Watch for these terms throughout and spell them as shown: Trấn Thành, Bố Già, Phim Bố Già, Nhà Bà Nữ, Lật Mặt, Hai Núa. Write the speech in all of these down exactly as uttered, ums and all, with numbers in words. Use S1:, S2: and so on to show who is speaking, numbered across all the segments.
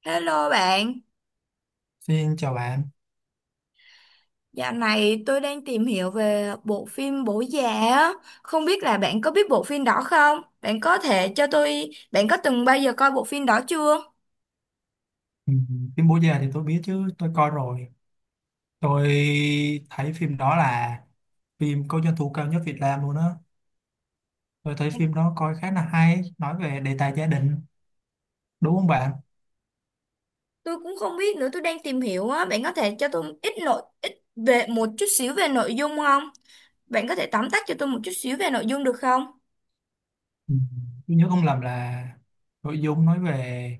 S1: Hello bạn,
S2: Xin chào bạn.
S1: dạo này tôi đang tìm hiểu về bộ phim Bố Già á, không biết là bạn có biết bộ phim đó không? Bạn có thể cho tôi, bạn có từng bao giờ coi bộ phim đó chưa?
S2: Ừ, Phim Bố Già thì tôi biết chứ, tôi coi rồi. Tôi thấy phim đó là phim có doanh thu cao nhất Việt Nam luôn á. Tôi thấy phim đó coi khá là hay, nói về đề tài gia đình, đúng không bạn?
S1: Tôi cũng không biết nữa, tôi đang tìm hiểu á, bạn có thể cho tôi ít nội ít về một chút xíu về nội dung không? Bạn có thể tóm tắt cho tôi một chút xíu về nội dung được không?
S2: Ừ, Tôi nhớ không lầm là nội dung nói về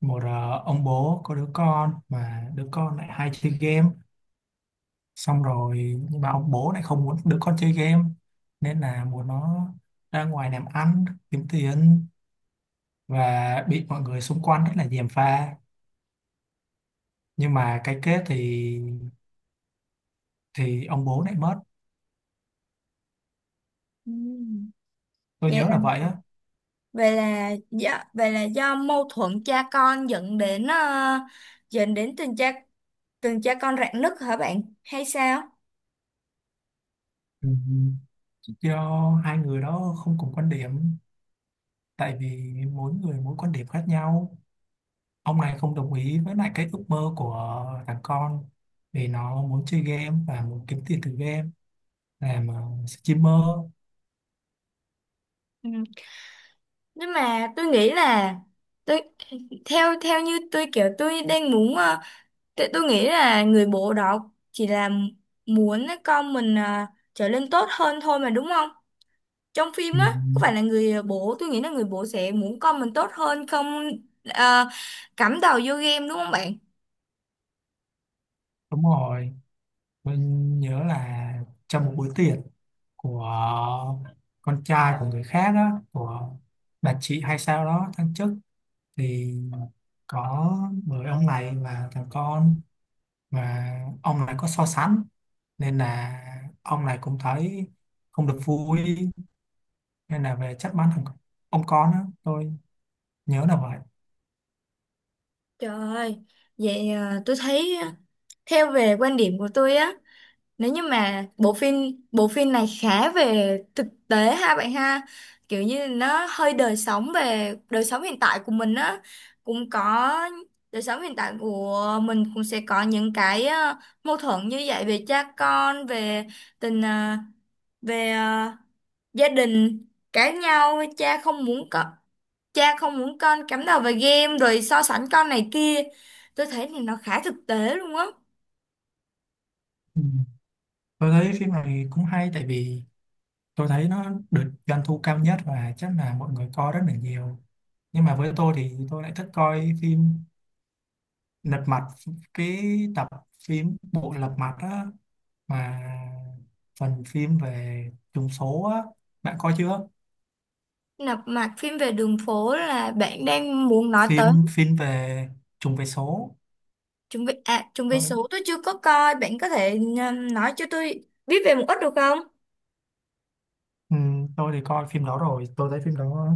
S2: một ờ, ông bố có đứa con mà đứa con lại hay chơi game. Xong rồi nhưng mà ông bố lại không muốn đứa con chơi game, nên là muốn nó ra ngoài làm ăn kiếm tiền, và bị mọi người xung quanh rất là gièm pha, nhưng mà cái kết thì thì ông bố lại mất.
S1: Ừm.
S2: Tôi
S1: Vậy
S2: nhớ
S1: là
S2: là vậy á.
S1: về là do về là do mâu thuẫn cha con dẫn đến ờ, dẫn đến tình cha tình cha con rạn nứt hả bạn? Hay sao?
S2: Ừ, do hai người đó không cùng quan điểm, tại vì mỗi người mỗi quan điểm khác nhau. Ông này không đồng ý với lại cái ước mơ của thằng con, vì nó muốn chơi game và muốn kiếm tiền từ game, làm ờ, streamer.
S1: Ừ. Nhưng mà tôi nghĩ là tôi theo theo như tôi kiểu tôi đang muốn ờ, tại tôi nghĩ là người bố đó chỉ là muốn con mình ờ, trở nên tốt hơn thôi mà đúng không, trong phim
S2: Ừ,
S1: á có phải là người bố tôi nghĩ là người bố sẽ muốn con mình tốt hơn không, ờ, cắm đầu vô game đúng không bạn?
S2: đúng rồi. Tôi nhớ là trong một buổi tiệc của con trai của người khác đó, của bà chị hay sao đó thăng chức, thì có người ông này là thằng con, mà ông này có so sánh, nên là ông này cũng thấy không được vui, nên là về trách mắng thằng ông con đó. Tôi nhớ là vậy.
S1: Trời ơi, vậy ờ, tôi thấy ờ, theo về quan điểm của tôi á, nếu như mà bộ phim bộ phim này khá về thực tế ha bạn ha, kiểu như nó hơi đời sống về đời sống hiện tại của mình á, cũng có đời sống hiện tại của mình cũng sẽ có những cái ờ, mâu thuẫn như vậy về cha con, về tình ờ, về ờ, gia đình cãi nhau, cha không muốn con, cha không muốn con cắm đầu vào game rồi so sánh con này kia, tôi thấy thì nó khá thực tế luôn á.
S2: Ừ. Tôi thấy phim này cũng hay, tại vì tôi thấy nó được doanh thu cao nhất và chắc là mọi người coi rất là nhiều. Nhưng mà với tôi thì tôi lại thích coi phim lật mặt, cái tập phim bộ lật mặt á, mà phần phim về trùng số á. Bạn coi chưa?
S1: Nạp mạc phim về đường phố là bạn đang muốn nói tới?
S2: Phim phim về trùng về số.
S1: Chuẩn bị à, chuẩn bị
S2: tôi,
S1: số tôi chưa có coi, bạn có thể um, nói cho tôi biết về một ít được không?
S2: ừ, tôi thì coi phim đó rồi. Tôi thấy phim đó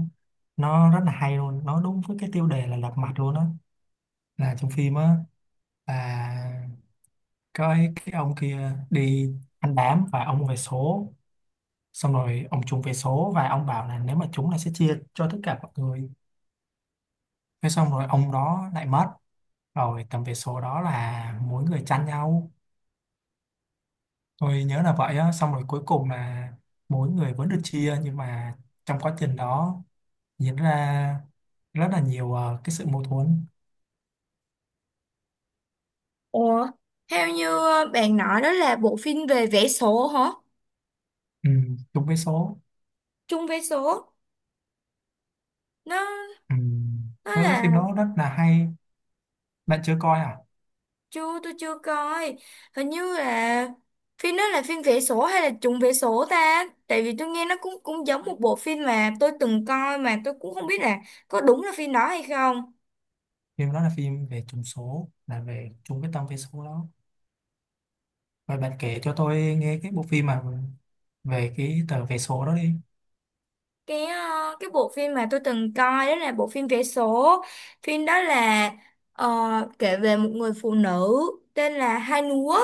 S2: nó rất là hay luôn, nó đúng với cái tiêu đề là lật mặt luôn á. Là trong phim á, là cái cái ông kia đi ăn đám và ông về số, xong rồi ông trúng về số và ông bảo là nếu mà trúng là sẽ chia cho tất cả mọi người. Thế xong rồi ông đó lại mất, rồi tầm về số đó là mỗi người chăn nhau. Tôi nhớ là vậy á. Xong rồi cuối cùng là mỗi người vẫn được chia, nhưng mà trong quá trình đó diễn ra rất là nhiều ờ, cái sự mâu thuẫn.
S1: Ủa, theo như uh, bạn nói đó là bộ phim về vẽ số hả?
S2: Ừ, chung với số.
S1: Chung vé số, nó
S2: Ừ.
S1: nó
S2: Tôi thấy
S1: là
S2: phim đó rất là hay. Bạn chưa coi à?
S1: chưa, tôi chưa coi, hình như là phim đó là phim vẽ số hay là chung vé số ta? Tại vì tôi nghe nó cũng cũng giống một bộ phim mà tôi từng coi mà tôi cũng không biết là có đúng là phim đó hay không.
S2: Phim đó là phim về trùng số, là về chung cái tâm về số đó. Rồi bạn kể cho tôi nghe cái bộ phim mà về cái tờ vé số đó đi.
S1: Cái ờ, cái bộ phim mà tôi từng coi đó là bộ phim vé số, phim đó là ờ, kể về một người phụ nữ tên là Hai Núa,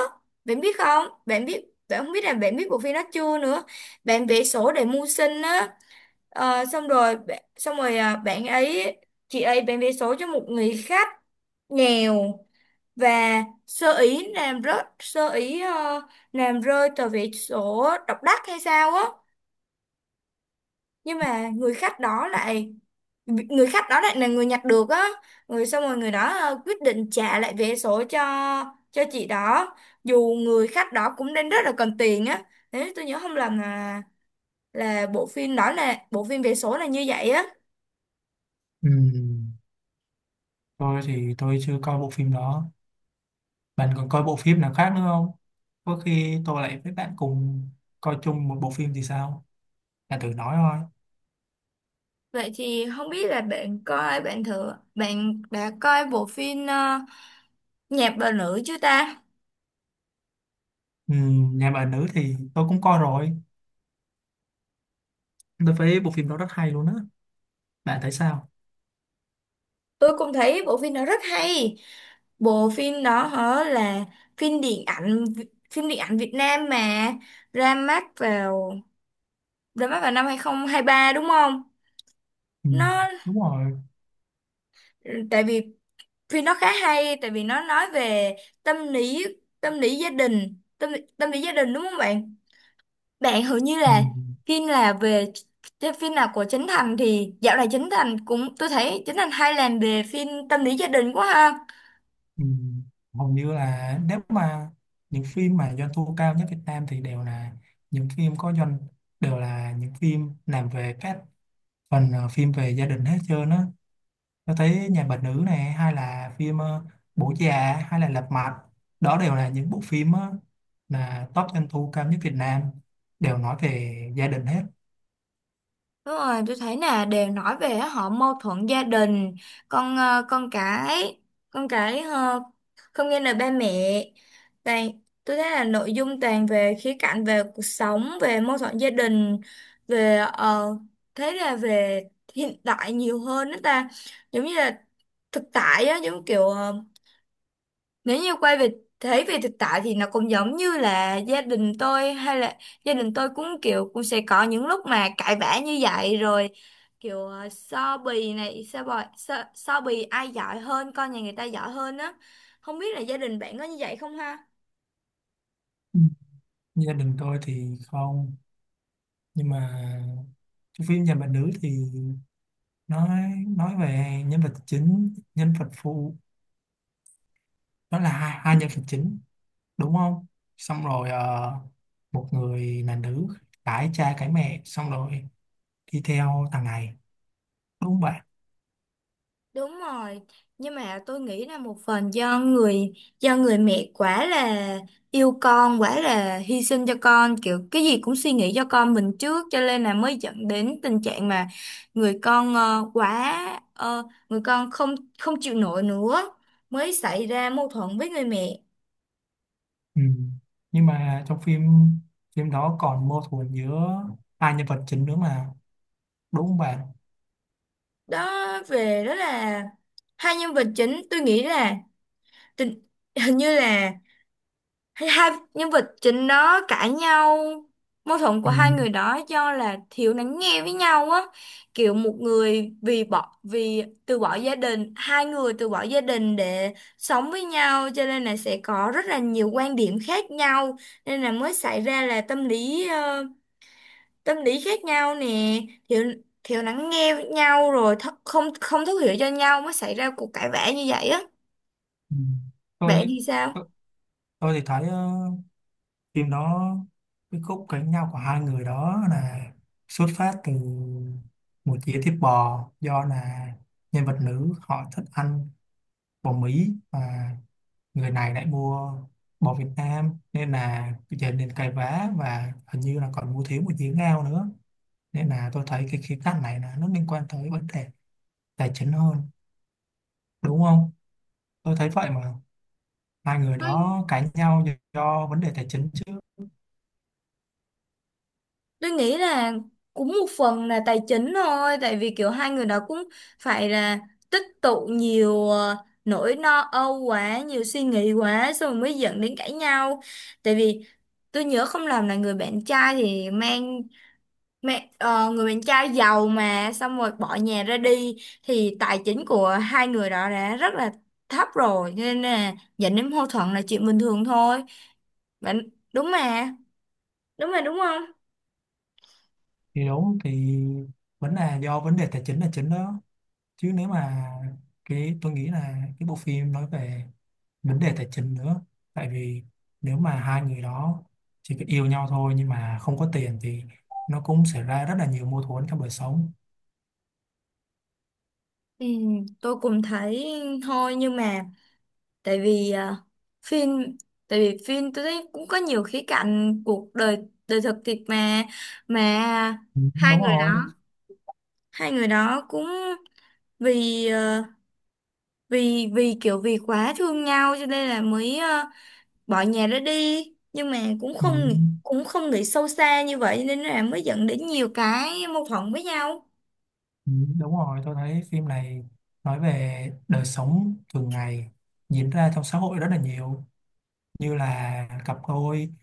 S1: bạn biết không, bạn biết bạn không biết là bạn biết bộ phim đó chưa nữa, bạn vé số để mưu sinh á. Ờ, xong rồi bạn- xong rồi ờ, bạn ấy chị ấy bán vé số cho một người khách nghèo và sơ ý làm rớt sơ ý ờ, làm rơi tờ vé số độc đắc hay sao á, nhưng mà người khách đó lại vị- người khách đó lại là người nhặt được á, người xong rồi người đó ờ, quyết định trả lại vé số cho cho chị đó, dù người khách đó cũng đang rất là cần tiền á. Nếu tôi nhớ không lầm là là bộ phim đó là bộ phim vé số là như vậy á.
S2: Ừ. Tôi thì tôi chưa coi bộ phim đó. Bạn còn coi bộ phim nào khác nữa không? Có khi tôi lại với bạn cùng coi chung một bộ phim thì sao? Bạn thử nói thôi.
S1: Vậy thì không biết là bạn coi bạn thử bạn đã coi bộ phim ờ, nhạc bà nữ chưa ta?
S2: Ừ, nhà bà nữ thì tôi cũng coi rồi. Tôi thấy bộ phim đó rất hay luôn á. Bạn thấy sao?
S1: Tôi cũng thấy bộ phim đó rất hay, bộ phim đó hả là phim điện ảnh phim điện ảnh Việt Nam mà ra mắt vào ra mắt vào năm hai không hai ba đúng không?
S2: Ừ,
S1: Nó
S2: đúng rồi.
S1: tại vì phim nó khá hay tại vì nó nói về tâm lý tâm lý gia đình, tâm tâm lý gia đình đúng không bạn? Bạn hầu như
S2: Ừ,
S1: là phim là về cái phim nào của Trấn Thành thì dạo này Trấn Thành cũng tôi thấy Trấn Thành hay làm về phim tâm lý gia đình quá ha.
S2: ừ. Hầu như là nếu mà những phim mà doanh thu cao nhất Việt Nam thì đều là những phim có doanh, đều là những phim làm về các phần ờ, phim về gia đình hết trơn á. Tôi thấy Nhà Bà Nữ này hay là phim ờ, Bố Già hay là Lật Mặt, đó đều là những bộ phim ờ, là top doanh thu cao nhất Việt Nam, đều nói về gia đình hết.
S1: Đúng rồi, tôi thấy là đều nói về họ mâu thuẫn gia đình, con ờ, con cái, con cái ờ, không nghe lời ba mẹ. Toàn, tôi thấy là nội dung toàn về khía cạnh về cuộc sống, về mâu thuẫn gia đình, về ờ, thế là về hiện đại nhiều hơn đó ta. Giống như là thực tại á, giống kiểu ờ, nếu như quay về thế về thực tại thì nó cũng giống như là gia đình tôi hay là gia đình tôi cũng kiểu cũng sẽ có những lúc mà cãi vã như vậy rồi kiểu ờ, so bì này so bì, so, so bì ai giỏi hơn con nhà người ta giỏi hơn á, không biết là gia đình bạn có như vậy không ha?
S2: Ừ. Gia đình tôi thì không, nhưng mà cái phim Nhà Bà Nữ thì nói nói về nhân vật chính nhân vật phụ, đó là hai, hai nhân vật chính, đúng không? Xong rồi ờ, một người là nữ, cái cha cái mẹ, xong rồi đi theo thằng này, đúng không?
S1: Đúng rồi, nhưng mà tôi nghĩ là một phần do người do người mẹ quá là yêu con, quá là hy sinh cho con, kiểu cái gì cũng suy nghĩ cho con mình trước cho nên là mới dẫn đến tình trạng mà người con ờ, quá ờ, người con không không chịu nổi nữa mới xảy ra mâu thuẫn với người mẹ.
S2: Ừ. Nhưng mà trong phim phim đó còn mâu thuẫn giữa hai nhân vật chính nữa mà, đúng không bạn?
S1: Đó về đó là hai nhân vật chính, tôi nghĩ là tình hình như là hay hai nhân vật chính đó cãi nhau, mâu thuẫn của
S2: Ừ.
S1: hai người đó do là thiếu lắng nghe với nhau á, kiểu một người vì bỏ vì từ bỏ gia đình hai người từ bỏ gia đình để sống với nhau cho nên là sẽ có rất là nhiều quan điểm khác nhau, nên là mới xảy ra là tâm lý ờ, tâm lý khác nhau nè, thiếu thiếu lắng nghe với nhau rồi th không không thấu hiểu cho nhau mới xảy ra cuộc cãi vã như vậy á.
S2: Ừ.
S1: Bạn
S2: Tôi,
S1: thì sao?
S2: tôi tôi thì thấy ờ, phim đó, cái khúc cãi nhau của hai người đó là xuất phát từ một dĩa thịt bò, do là nhân vật nữ họ thích ăn bò Mỹ và người này lại mua bò Việt Nam, nên là dẫn đến cãi vã, và hình như là còn mua thiếu một dĩa ngao nữa, nên là tôi thấy cái khía cạnh này là nó liên quan tới vấn đề tài chính hơn, đúng không? Tôi thấy vậy mà, hai người đó cãi nhau do, do vấn đề tài chính chứ.
S1: Tôi nghĩ là cũng một phần là tài chính thôi, tại vì kiểu hai người đó cũng phải là tích tụ nhiều ờ, nỗi lo âu quá, nhiều suy nghĩ quá, xong rồi mới dẫn đến cãi nhau. Tại vì tôi nhớ không lầm là người bạn trai thì mang, mang ờ, người bạn trai giàu mà, xong rồi bỏ nhà ra đi, thì tài chính của hai người đó đã rất là thấp rồi, cho nên là dẫn đến mâu thuẫn là chuyện bình thường thôi. Bạn đúng mà, đúng mà đúng không?
S2: Thì đúng thì vẫn là do vấn đề tài chính là chính đó, chứ nếu mà cái tôi nghĩ là cái bộ phim nói về vấn đề tài chính nữa, tại vì nếu mà hai người đó chỉ có yêu nhau thôi nhưng mà không có tiền thì nó cũng xảy ra rất là nhiều mâu thuẫn trong đời sống.
S1: Ừ, tôi cũng thấy thôi nhưng mà tại vì à, phim tại vì phim tôi thấy cũng có nhiều khía cạnh cuộc đời đời thực thiệt mà mà
S2: Ừ,
S1: hai
S2: đúng
S1: người đó
S2: rồi.
S1: hai người đó cũng vì ờ, vì vì kiểu vì quá thương nhau cho nên là mới ờ, bỏ nhà ra đi nhưng mà cũng
S2: Ừ,
S1: không cũng không nghĩ sâu xa như vậy nên là mới dẫn đến nhiều cái mâu thuẫn với nhau.
S2: ừ, đúng rồi, tôi thấy phim này nói về đời sống thường ngày diễn ra trong xã hội rất là nhiều, như là cặp đôi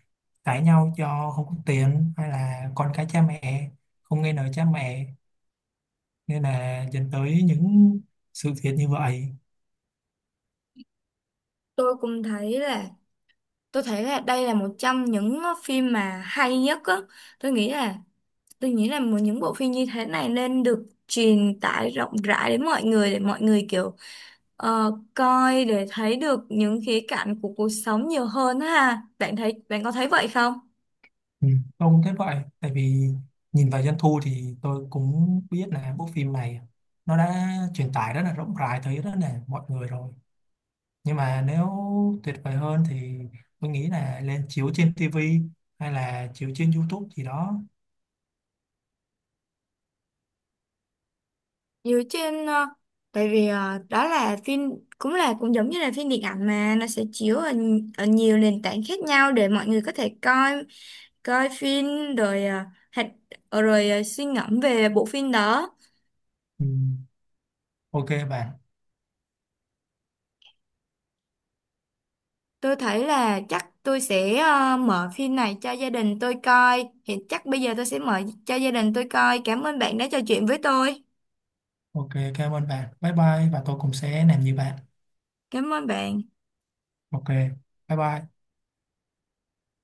S2: cãi nhau do không có tiền, hay là con cái cha mẹ không nghe lời cha mẹ, nên là dẫn tới những sự việc như vậy.
S1: Tôi cũng thấy là tôi thấy là đây là một trong những ờ, phim mà hay nhất á, tôi nghĩ là tôi nghĩ là một những bộ phim như thế này nên được truyền tải rộng rãi đến mọi người để mọi người kiểu ờ, coi để thấy được những khía cạnh của cuộc sống nhiều hơn á ha, bạn thấy bạn có thấy vậy không?
S2: Ừ. Tôi cũng thấy vậy, tại vì nhìn vào doanh thu thì tôi cũng biết là bộ phim này nó đã truyền tải rất là rộng rãi tới rất là mọi người rồi. Nhưng mà nếu tuyệt vời hơn thì tôi nghĩ là lên chiếu trên ti vi hay là chiếu trên YouTube gì đó.
S1: Dựa trên ờ, tại vì ờ, đó là phim cũng là cũng giống như là phim điện ảnh mà nó sẽ chiếu ở, ở nhiều nền tảng khác nhau để mọi người có thể coi coi phim rồi à, hạch rồi à, suy ngẫm về bộ phim đó.
S2: Ừ. OK bạn.
S1: Tôi thấy là chắc tôi sẽ à, mở phim này cho gia đình tôi coi hiện chắc bây giờ tôi sẽ mở cho gia đình tôi coi, cảm ơn bạn đã trò chuyện với tôi.
S2: OK, cảm ơn bạn, bye bye, và tôi cũng sẽ làm như bạn.
S1: Cảm ơn bạn.
S2: OK, bye bye.